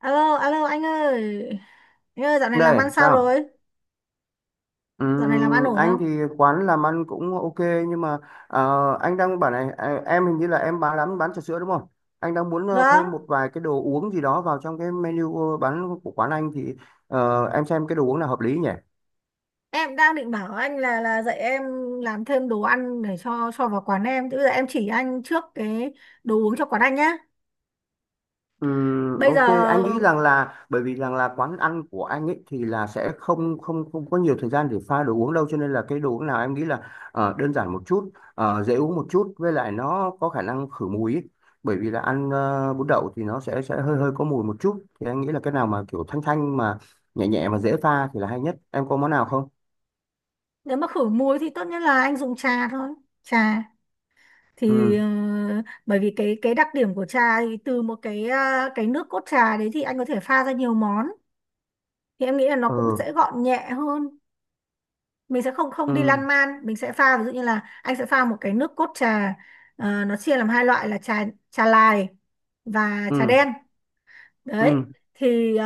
Alo, alo anh ơi. Anh ơi, dạo này làm Đây, ăn sao sao? rồi? Dạo này làm ăn ổn Anh không? thì quán làm ăn cũng ok nhưng mà ờ, anh đang bảo này à, em hình như là em bán lắm bán trà sữa đúng không? Anh đang muốn Vâng, thêm một vài cái đồ uống gì đó vào trong cái menu bán của quán anh thì em xem cái đồ uống nào hợp lý nhỉ? em đang định bảo anh là dạy em làm thêm đồ ăn để cho vào quán em. Thế bây giờ em chỉ anh trước cái đồ uống cho quán anh nhá. Bây Ok, giờ anh nghĩ rằng là bởi vì rằng là quán ăn của anh ấy thì là sẽ không không không có nhiều thời gian để pha đồ uống đâu, cho nên là cái đồ uống nào em nghĩ là đơn giản một chút, dễ uống một chút, với lại nó có khả năng khử mùi ấy. Bởi vì là ăn bún đậu thì nó sẽ hơi hơi có mùi một chút, thì anh nghĩ là cái nào mà kiểu thanh thanh mà nhẹ nhẹ mà dễ pha thì là hay nhất, em có món nào không? nếu mà khử muối thì tốt nhất là anh dùng trà thôi. Trà thì Ừ, bởi vì cái đặc điểm của trà, thì từ một cái cái nước cốt trà đấy thì anh có thể pha ra nhiều món. Thì em nghĩ là nó cũng ừ, sẽ gọn nhẹ hơn, mình sẽ không không ừ, đi lan man, mình sẽ pha ví dụ như là anh sẽ pha một cái nước cốt trà. Nó chia làm hai loại là trà trà lài và ừ, trà đen đấy. ừ, Thì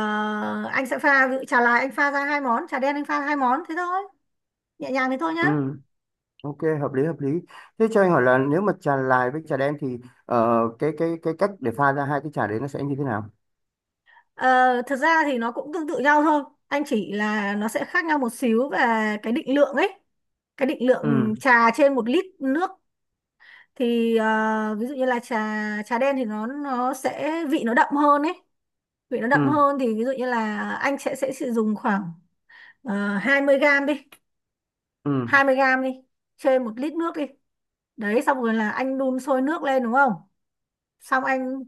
anh sẽ pha, ví dụ trà lài anh pha ra hai món, trà đen anh pha hai món, thế thôi, nhẹ nhàng thế thôi nhá. ừ. Ok, hợp lý hợp lý. Thế cho anh hỏi là nếu mà trà lài với trà đen thì cái cách để pha ra hai cái trà đấy nó sẽ như thế nào? Ờ, thật ra thì nó cũng tương tự nhau thôi, anh chỉ là nó sẽ khác nhau một xíu về cái định lượng ấy, cái định Ừ, lượng trà trên một lít nước. Thì ví dụ như là trà trà đen thì nó sẽ vị nó đậm hơn ấy, vị nó đậm ừ, hơn thì ví dụ như là anh sẽ sử dụng khoảng uh, 20 gram đi, ừ, 20 gram đi trên một lít nước đi. Đấy, xong rồi là anh đun sôi nước lên đúng không, xong anh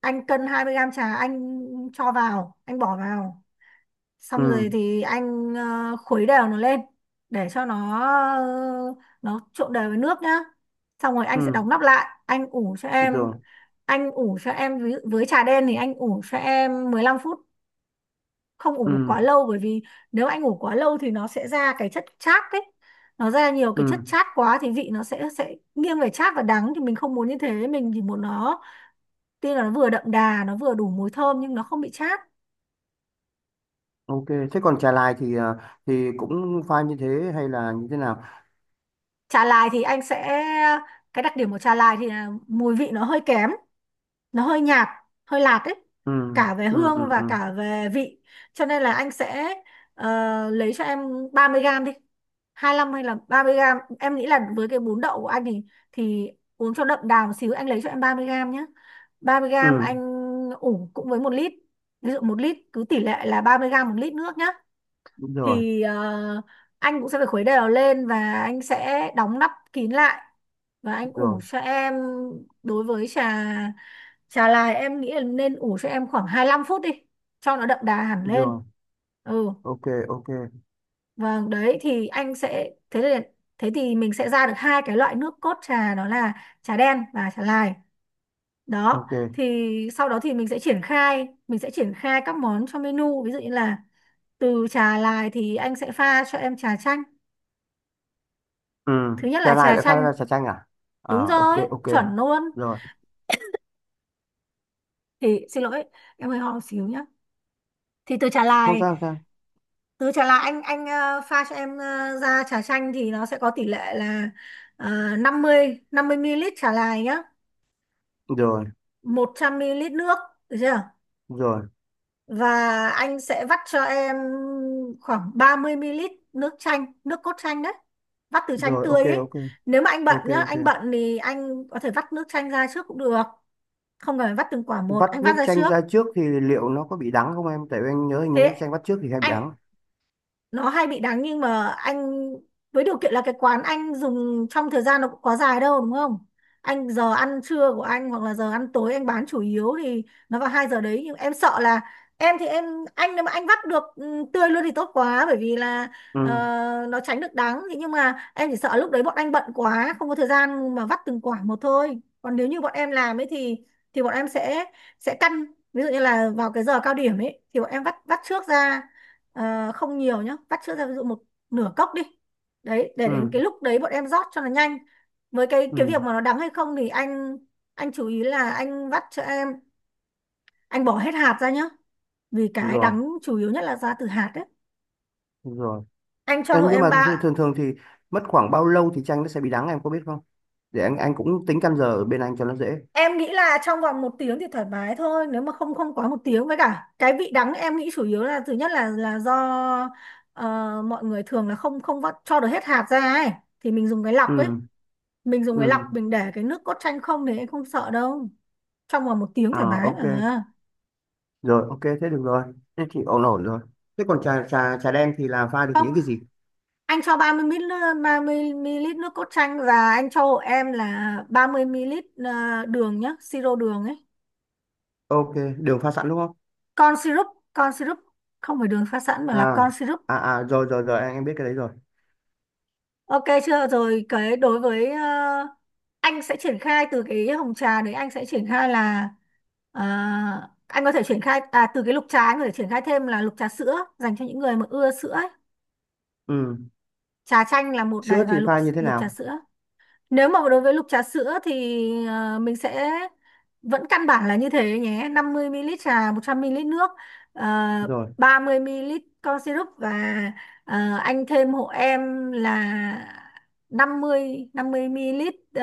anh cân 20 gram trà, anh cho vào, anh bỏ vào, xong rồi ừ, thì anh khuấy đều nó lên, để cho nó ờ, nó trộn đều với nước nhá. Xong rồi anh sẽ ừ, đóng nắp lại anh ủ cho em, rồi, ví dụ với trà đen thì anh ủ cho em 15 phút, không ừ, ủ quá lâu, bởi vì nếu anh ủ quá lâu thì nó sẽ ra cái chất chát ấy, nó ra nhiều cái chất ừ, chát quá thì vị nó sẽ nghiêng về chát và đắng, thì mình không muốn như thế, mình chỉ muốn nó tuy là nó vừa đậm đà, nó vừa đủ mùi thơm nhưng nó không bị chát. ok. Thế còn trà lài thì thì cũng pha như thế hay là như thế nào? Trà lài thì anh sẽ, cái đặc điểm của trà lài thì là mùi vị nó hơi kém, nó hơi nhạt, hơi lạt ấy, Ừ, cả về ừ, ừ, hương và ừ, cả về vị. Cho nên là anh sẽ ờ, lấy cho em 30 gram đi, hai lăm hay là 30 gram, em nghĩ là với cái bún đậu của anh thì uống cho đậm đà một xíu, anh lấy cho em 30 gram nhé. Ba mươi gram ừ, anh ủ cũng với một lít, ví dụ một lít, cứ tỷ lệ là 30 gram một lít nước nhé. rồi, Thì anh cũng sẽ phải khuấy đều lên và anh sẽ đóng nắp kín lại và anh ủ rồi, cho em. Đối với trà trà lại, em nghĩ là nên ủ cho em khoảng 25 phút đi cho nó đậm đà hẳn lên. rồi, Ừ, ok, ok, vâng, đấy thì anh sẽ thế thì, mình sẽ ra được hai cái loại nước cốt trà, đó là trà đen và trà lai đó. ok. Thì sau đó thì mình sẽ triển khai, các món trong menu, ví dụ như là từ trà lai thì anh sẽ pha cho em trà chanh, Ừ, thứ nhất trà là lài trà lại pha ra chanh, trà chanh à? À, đúng ok, rồi, ok, chuẩn luôn. rồi, Thì xin lỗi, em hơi ho xíu nhá. Thì từ trà không lai, sao, không sao, anh pha cho em ra trà chanh thì nó sẽ có tỷ lệ là 50 50 ml trà lai nhá, rồi, 100 ml nước, được chưa. rồi, Và anh sẽ vắt cho em khoảng 30 ml nước chanh, nước cốt chanh đấy, vắt từ chanh rồi, ok, tươi ấy. ok, Nếu mà anh bận ok, nhá, ok. anh bận thì anh có thể vắt nước chanh ra trước cũng được, không cần phải vắt từng quả một, Vắt anh nước vắt ra chanh trước. ra trước thì liệu nó có bị đắng không em? Tại vì anh nhớ hình như nước Thế chanh vắt trước thì hay bị anh, đắng. nó hay bị đắng, nhưng mà anh với điều kiện là cái quán anh dùng trong thời gian nó cũng quá dài đâu đúng không, anh giờ ăn trưa của anh hoặc là giờ ăn tối anh bán chủ yếu thì nó vào hai giờ đấy. Nhưng em sợ là em thì em, anh nếu mà anh vắt được tươi luôn thì tốt quá, bởi vì là Ừ, ờ, nó tránh được đắng. Thế nhưng mà em chỉ sợ lúc đấy bọn anh bận quá, không có thời gian mà vắt từng quả một thôi. Còn nếu như bọn em làm ấy thì bọn em sẽ căn, ví dụ như là vào cái giờ cao điểm ấy thì bọn em vắt vắt trước ra. Ờ, không nhiều nhá, vắt sữa ra ví dụ một nửa cốc đi, đấy, để đến ừ, cái lúc đấy bọn em rót cho nó nhanh. Với cái ừ, cái việc mà nó đắng hay không thì anh chú ý là anh vắt cho em, anh bỏ hết hạt ra nhá, vì cái rồi, đắng chủ yếu nhất là ra từ hạt đấy. rồi. Anh cho Ê, hộ nhưng em mà ba. thường thường thường thì mất khoảng bao lâu thì chanh nó sẽ bị đắng em có biết không? Để anh cũng tính căn giờ ở bên anh cho nó dễ. Em nghĩ là trong vòng một tiếng thì thoải mái thôi, nếu mà không không quá một tiếng. Với cả cái vị đắng em nghĩ chủ yếu là thứ nhất là do ờ, mọi người thường là không không vắt cho được hết hạt ra ấy, thì mình dùng cái lọc ấy, Ừ, mình dùng ừ, cái lọc mình để cái nước cốt chanh không, thì anh không sợ đâu, trong vòng một tiếng thoải à mái ok, mà. rồi, ok, thế được rồi, thế thì ổn ổn rồi. Thế còn trà trà trà đen thì là pha được Không, những cái gì? anh cho 30 ml nước cốt chanh và anh cho hộ em là 30 ml đường nhé, siro đường ấy, Ok, đường pha sẵn đúng không? con syrup. con syrup Không phải đường pha sẵn mà là À, con syrup. à à, rồi rồi rồi, anh em biết cái đấy rồi. Ok chưa. Rồi, cái đối với anh sẽ triển khai từ cái hồng trà đấy, anh sẽ triển khai là ờ, anh có thể triển khai, à, từ cái lục trà anh có thể triển khai thêm là lục trà sữa dành cho những người mà ưa sữa ấy. Ừ, Trà chanh là một sữa này, thì và lục pha như thế lục trà nào? sữa. Nếu mà đối với lục trà sữa thì mình sẽ vẫn căn bản là như thế nhé, 50 ml trà, 100 ml nước, uh, Rồi, 30 ml con syrup. Và anh thêm hộ em là 50 50 ml, uh,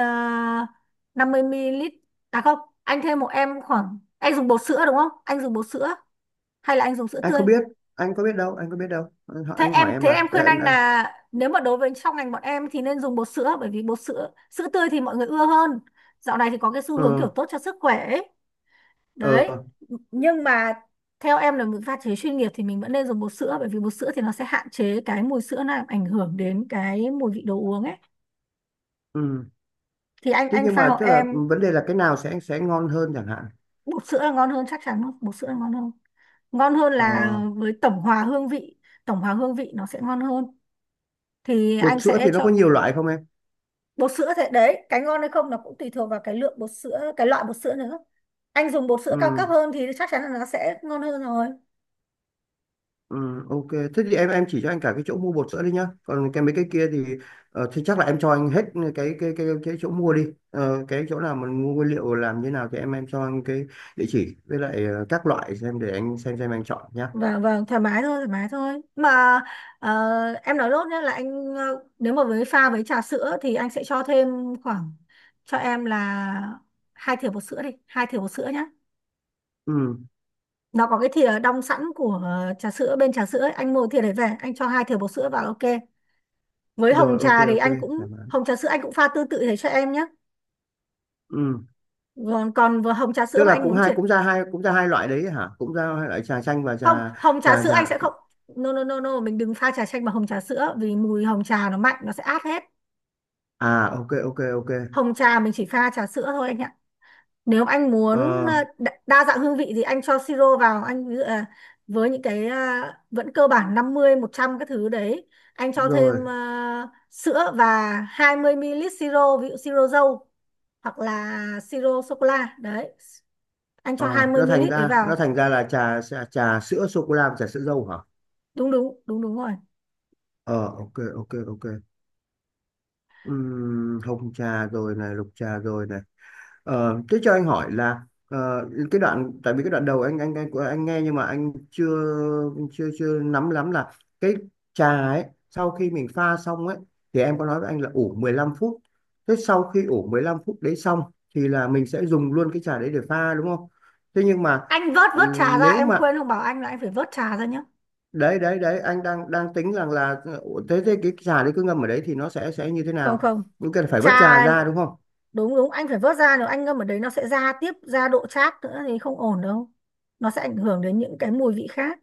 50 ml, à không, anh thêm hộ em khoảng, anh dùng bột sữa đúng không, anh dùng bột sữa hay là anh dùng sữa anh tươi. không biết, anh có biết đâu, anh có biết đâu anh, anh hỏi em Thế em mà. Đây, khuyên em anh đang… là nếu mà đối với trong ngành bọn em thì nên dùng bột sữa, bởi vì bột sữa sữa tươi thì mọi người ưa hơn, dạo này thì có cái xu hướng kiểu Ừ, tốt cho sức khỏe ấy. Đấy, ừ, nhưng mà theo em là mình pha chế chuyên nghiệp thì mình vẫn nên dùng bột sữa, bởi vì bột sữa thì nó sẽ hạn chế cái mùi sữa làm ảnh hưởng đến cái mùi vị đồ uống ấy. ừ. Thì anh Chứ anh nhưng pha hộ mà tức là em, vấn đề là cái nào sẽ ngon hơn chẳng hạn. bột sữa là ngon hơn, chắc chắn luôn, bột sữa là ngon hơn. Ngon hơn là Ờ, với tổng hòa hương vị, nó sẽ ngon hơn, thì bột anh sữa sẽ thì nó có chọn nhiều loại không em? bột sữa. Thế đấy, cái ngon hay không nó cũng tùy thuộc vào cái lượng bột sữa, cái loại bột sữa nữa, anh dùng bột sữa cao cấp Ừ, hơn thì chắc chắn là nó sẽ ngon hơn rồi. ừ, ok, thế thì em chỉ cho anh cả cái chỗ mua bột sữa đi nhá, còn cái mấy cái kia thì thì chắc là em cho anh hết cái chỗ mua đi. Ờ, cái chỗ nào mình mua nguyên liệu làm như nào thì em cho anh cái địa chỉ, với lại các loại xem để anh xem anh chọn nhá. Vâng, và thoải mái thôi, mà. Ờ, em nói lốt nhé, là anh nếu mà với pha với trà sữa thì anh sẽ cho thêm khoảng, cho em là hai thìa bột sữa đi, hai thìa bột sữa nhé. Ừ, Nó có cái thìa đong sẵn của trà sữa, bên trà sữa ấy, anh mua thìa đấy về, anh cho hai thìa bột sữa vào, ok. Với hồng rồi, ok trà thì ok. anh cũng, Dạ vâng. hồng trà sữa anh cũng pha tương tự thế cho em nhé. Ừ. Còn còn vừa hồng trà sữa Tức mà là anh cũng muốn hai, chuyển, cũng ra hai, cũng ra hai loại đấy hả, cũng ra hai loại trà chanh và không, trà hồng trà trà sữa anh trà sẽ không, no no no no, mình đừng pha trà chanh bằng hồng trà sữa, vì mùi hồng trà nó mạnh, nó sẽ át hết. À ok ok ok. Hồng trà mình chỉ pha trà sữa thôi anh ạ. Nếu anh muốn Ờ, đa dạng hương vị thì anh cho siro vào, anh ví dụ là với những cái vẫn cơ bản 50 100 cái thứ đấy, anh cho thêm rồi. Sữa và 20 ml siro, ví dụ siro dâu hoặc là siro sô cô la đấy. Anh Ờ, cho nó 20 thành ml đấy ra nó vào. thành ra là trà trà, trà sữa sô cô la và trà sữa dâu hả? Đúng đúng, đúng đúng rồi. Ờ ok ok ok. Hồng trà rồi này, lục trà rồi này. Ờ, thế cho anh hỏi là cái đoạn, tại vì cái đoạn đầu anh nghe nhưng mà anh chưa, chưa nắm lắm là cái trà ấy sau khi mình pha xong ấy thì em có nói với anh là ủ 15 phút. Thế sau khi ủ 15 phút đấy xong thì là mình sẽ dùng luôn cái trà đấy để pha đúng không? Thế nhưng mà… Anh vớt vớt Ừ, trà ra, nếu em mà, quên không bảo anh là anh phải vớt trà ra nhá. đấy đấy đấy, anh đang đang tính rằng là, ừ, thế thế cái trà đấy cứ ngâm ở đấy thì nó sẽ như thế Không nào? không, Cũng cần phải vớt trà trà, ra đúng không? đúng đúng, anh phải vớt ra, nếu anh ngâm ở đấy nó sẽ ra tiếp, ra độ chát nữa thì không ổn đâu, nó sẽ ảnh hưởng đến những cái mùi vị khác.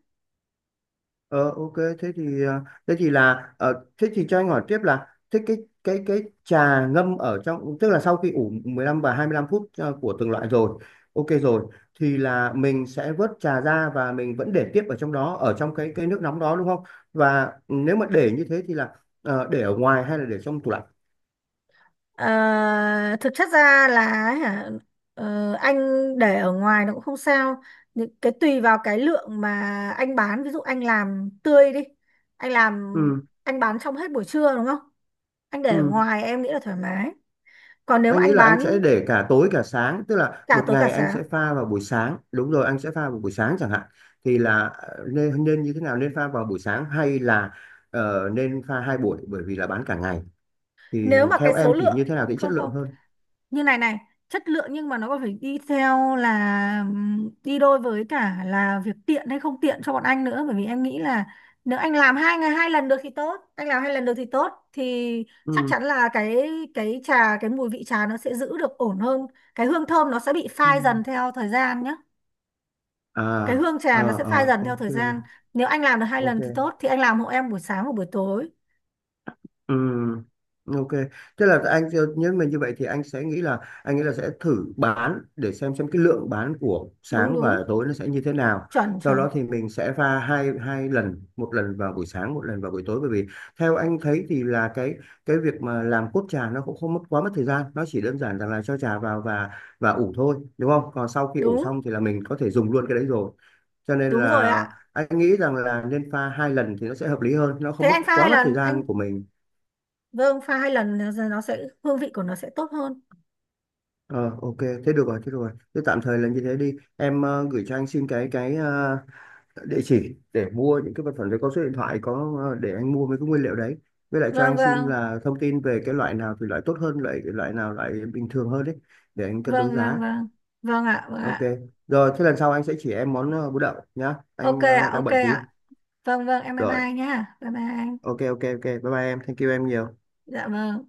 Ờ ok, thế thì thế thì là thế thì cho anh hỏi tiếp là thế cái trà ngâm ở trong, tức là sau khi ủ 15 và 25 phút của từng loại rồi, ok rồi, thì là mình sẽ vớt trà ra và mình vẫn để tiếp ở trong đó, ở trong cái nước nóng đó đúng không? Và nếu mà để như thế thì là để ở ngoài hay là để trong tủ lạnh? Ờ, thực chất ra là, hả, anh để ở ngoài nó cũng không sao, những cái tùy vào cái lượng mà anh bán, ví dụ anh làm tươi đi, anh làm Ừ, anh bán trong hết buổi trưa đúng không, anh để ở ừ, ngoài em nghĩ là thoải mái. Còn nếu mà anh nghĩ anh là anh bán sẽ để cả tối cả sáng, tức là cả một tối cả ngày anh sáng, sẽ pha vào buổi sáng, đúng rồi, anh sẽ pha vào buổi sáng chẳng hạn, thì là nên nên như thế nào, nên pha vào buổi sáng hay là nên pha hai buổi bởi vì là bán cả ngày, thì nếu mà cái theo số em thì lượng, như thế nào thì chất không lượng không hơn? như này này, chất lượng, nhưng mà nó còn phải đi theo là, đi đôi với cả là việc tiện hay không tiện cho bọn anh nữa, bởi vì em nghĩ là nếu anh làm hai ngày hai lần được thì tốt, anh làm hai lần được thì tốt, thì chắc Ừ. chắn là cái trà, cái mùi vị trà nó sẽ giữ được ổn hơn. Cái hương thơm nó sẽ bị phai Ừ. dần theo thời gian nhé, À, cái hương trà nó ờ sẽ phai ờ dần theo ok, thời gian. Nếu anh làm được hai lần thì ok. tốt, thì anh làm hộ em buổi sáng và buổi tối. Ừ, ok. Tức là anh, nhưng mà như vậy thì anh sẽ nghĩ là, anh nghĩ là sẽ thử bán để xem cái lượng bán của Đúng sáng đúng, và tối nó sẽ như thế nào. chuẩn Sau chuẩn, đó thì mình sẽ pha hai hai lần, một lần vào buổi sáng, một lần vào buổi tối, bởi vì theo anh thấy thì là cái việc mà làm cốt trà nó cũng không mất quá mất thời gian, nó chỉ đơn giản rằng là cho trà vào và ủ thôi, đúng không? Còn sau khi ủ đúng xong thì là mình có thể dùng luôn cái đấy rồi. Cho nên đúng rồi là ạ. anh nghĩ rằng là nên pha hai lần thì nó sẽ hợp lý hơn, nó Thế không mất anh pha hai quá mất thời lần anh, gian của mình. vâng, pha hai lần nó sẽ, hương vị của nó sẽ tốt hơn. Ờ, ok, thế được rồi, thế được rồi. Thế tạm thời là như thế đi. Em gửi cho anh xin cái địa chỉ để mua những cái vật phẩm đấy, có số điện thoại, có để anh mua mấy cái nguyên liệu đấy. Với lại cho Vâng anh xin vâng là thông tin về cái loại nào thì loại tốt hơn, loại loại nào loại bình thường hơn đấy, để anh cân đối vâng, vâng giá. vâng, vâng ạ, vâng Ok. ạ, Rồi, thế lần sau anh sẽ chỉ em món bún đậu nhá. ok Anh ạ, đang ok bận tí. ạ. Vâng vâng, em bye Rồi, bye nhá, bye bye anh. ok ok ok. Bye bye em. Thank you em nhiều. Dạ vâng.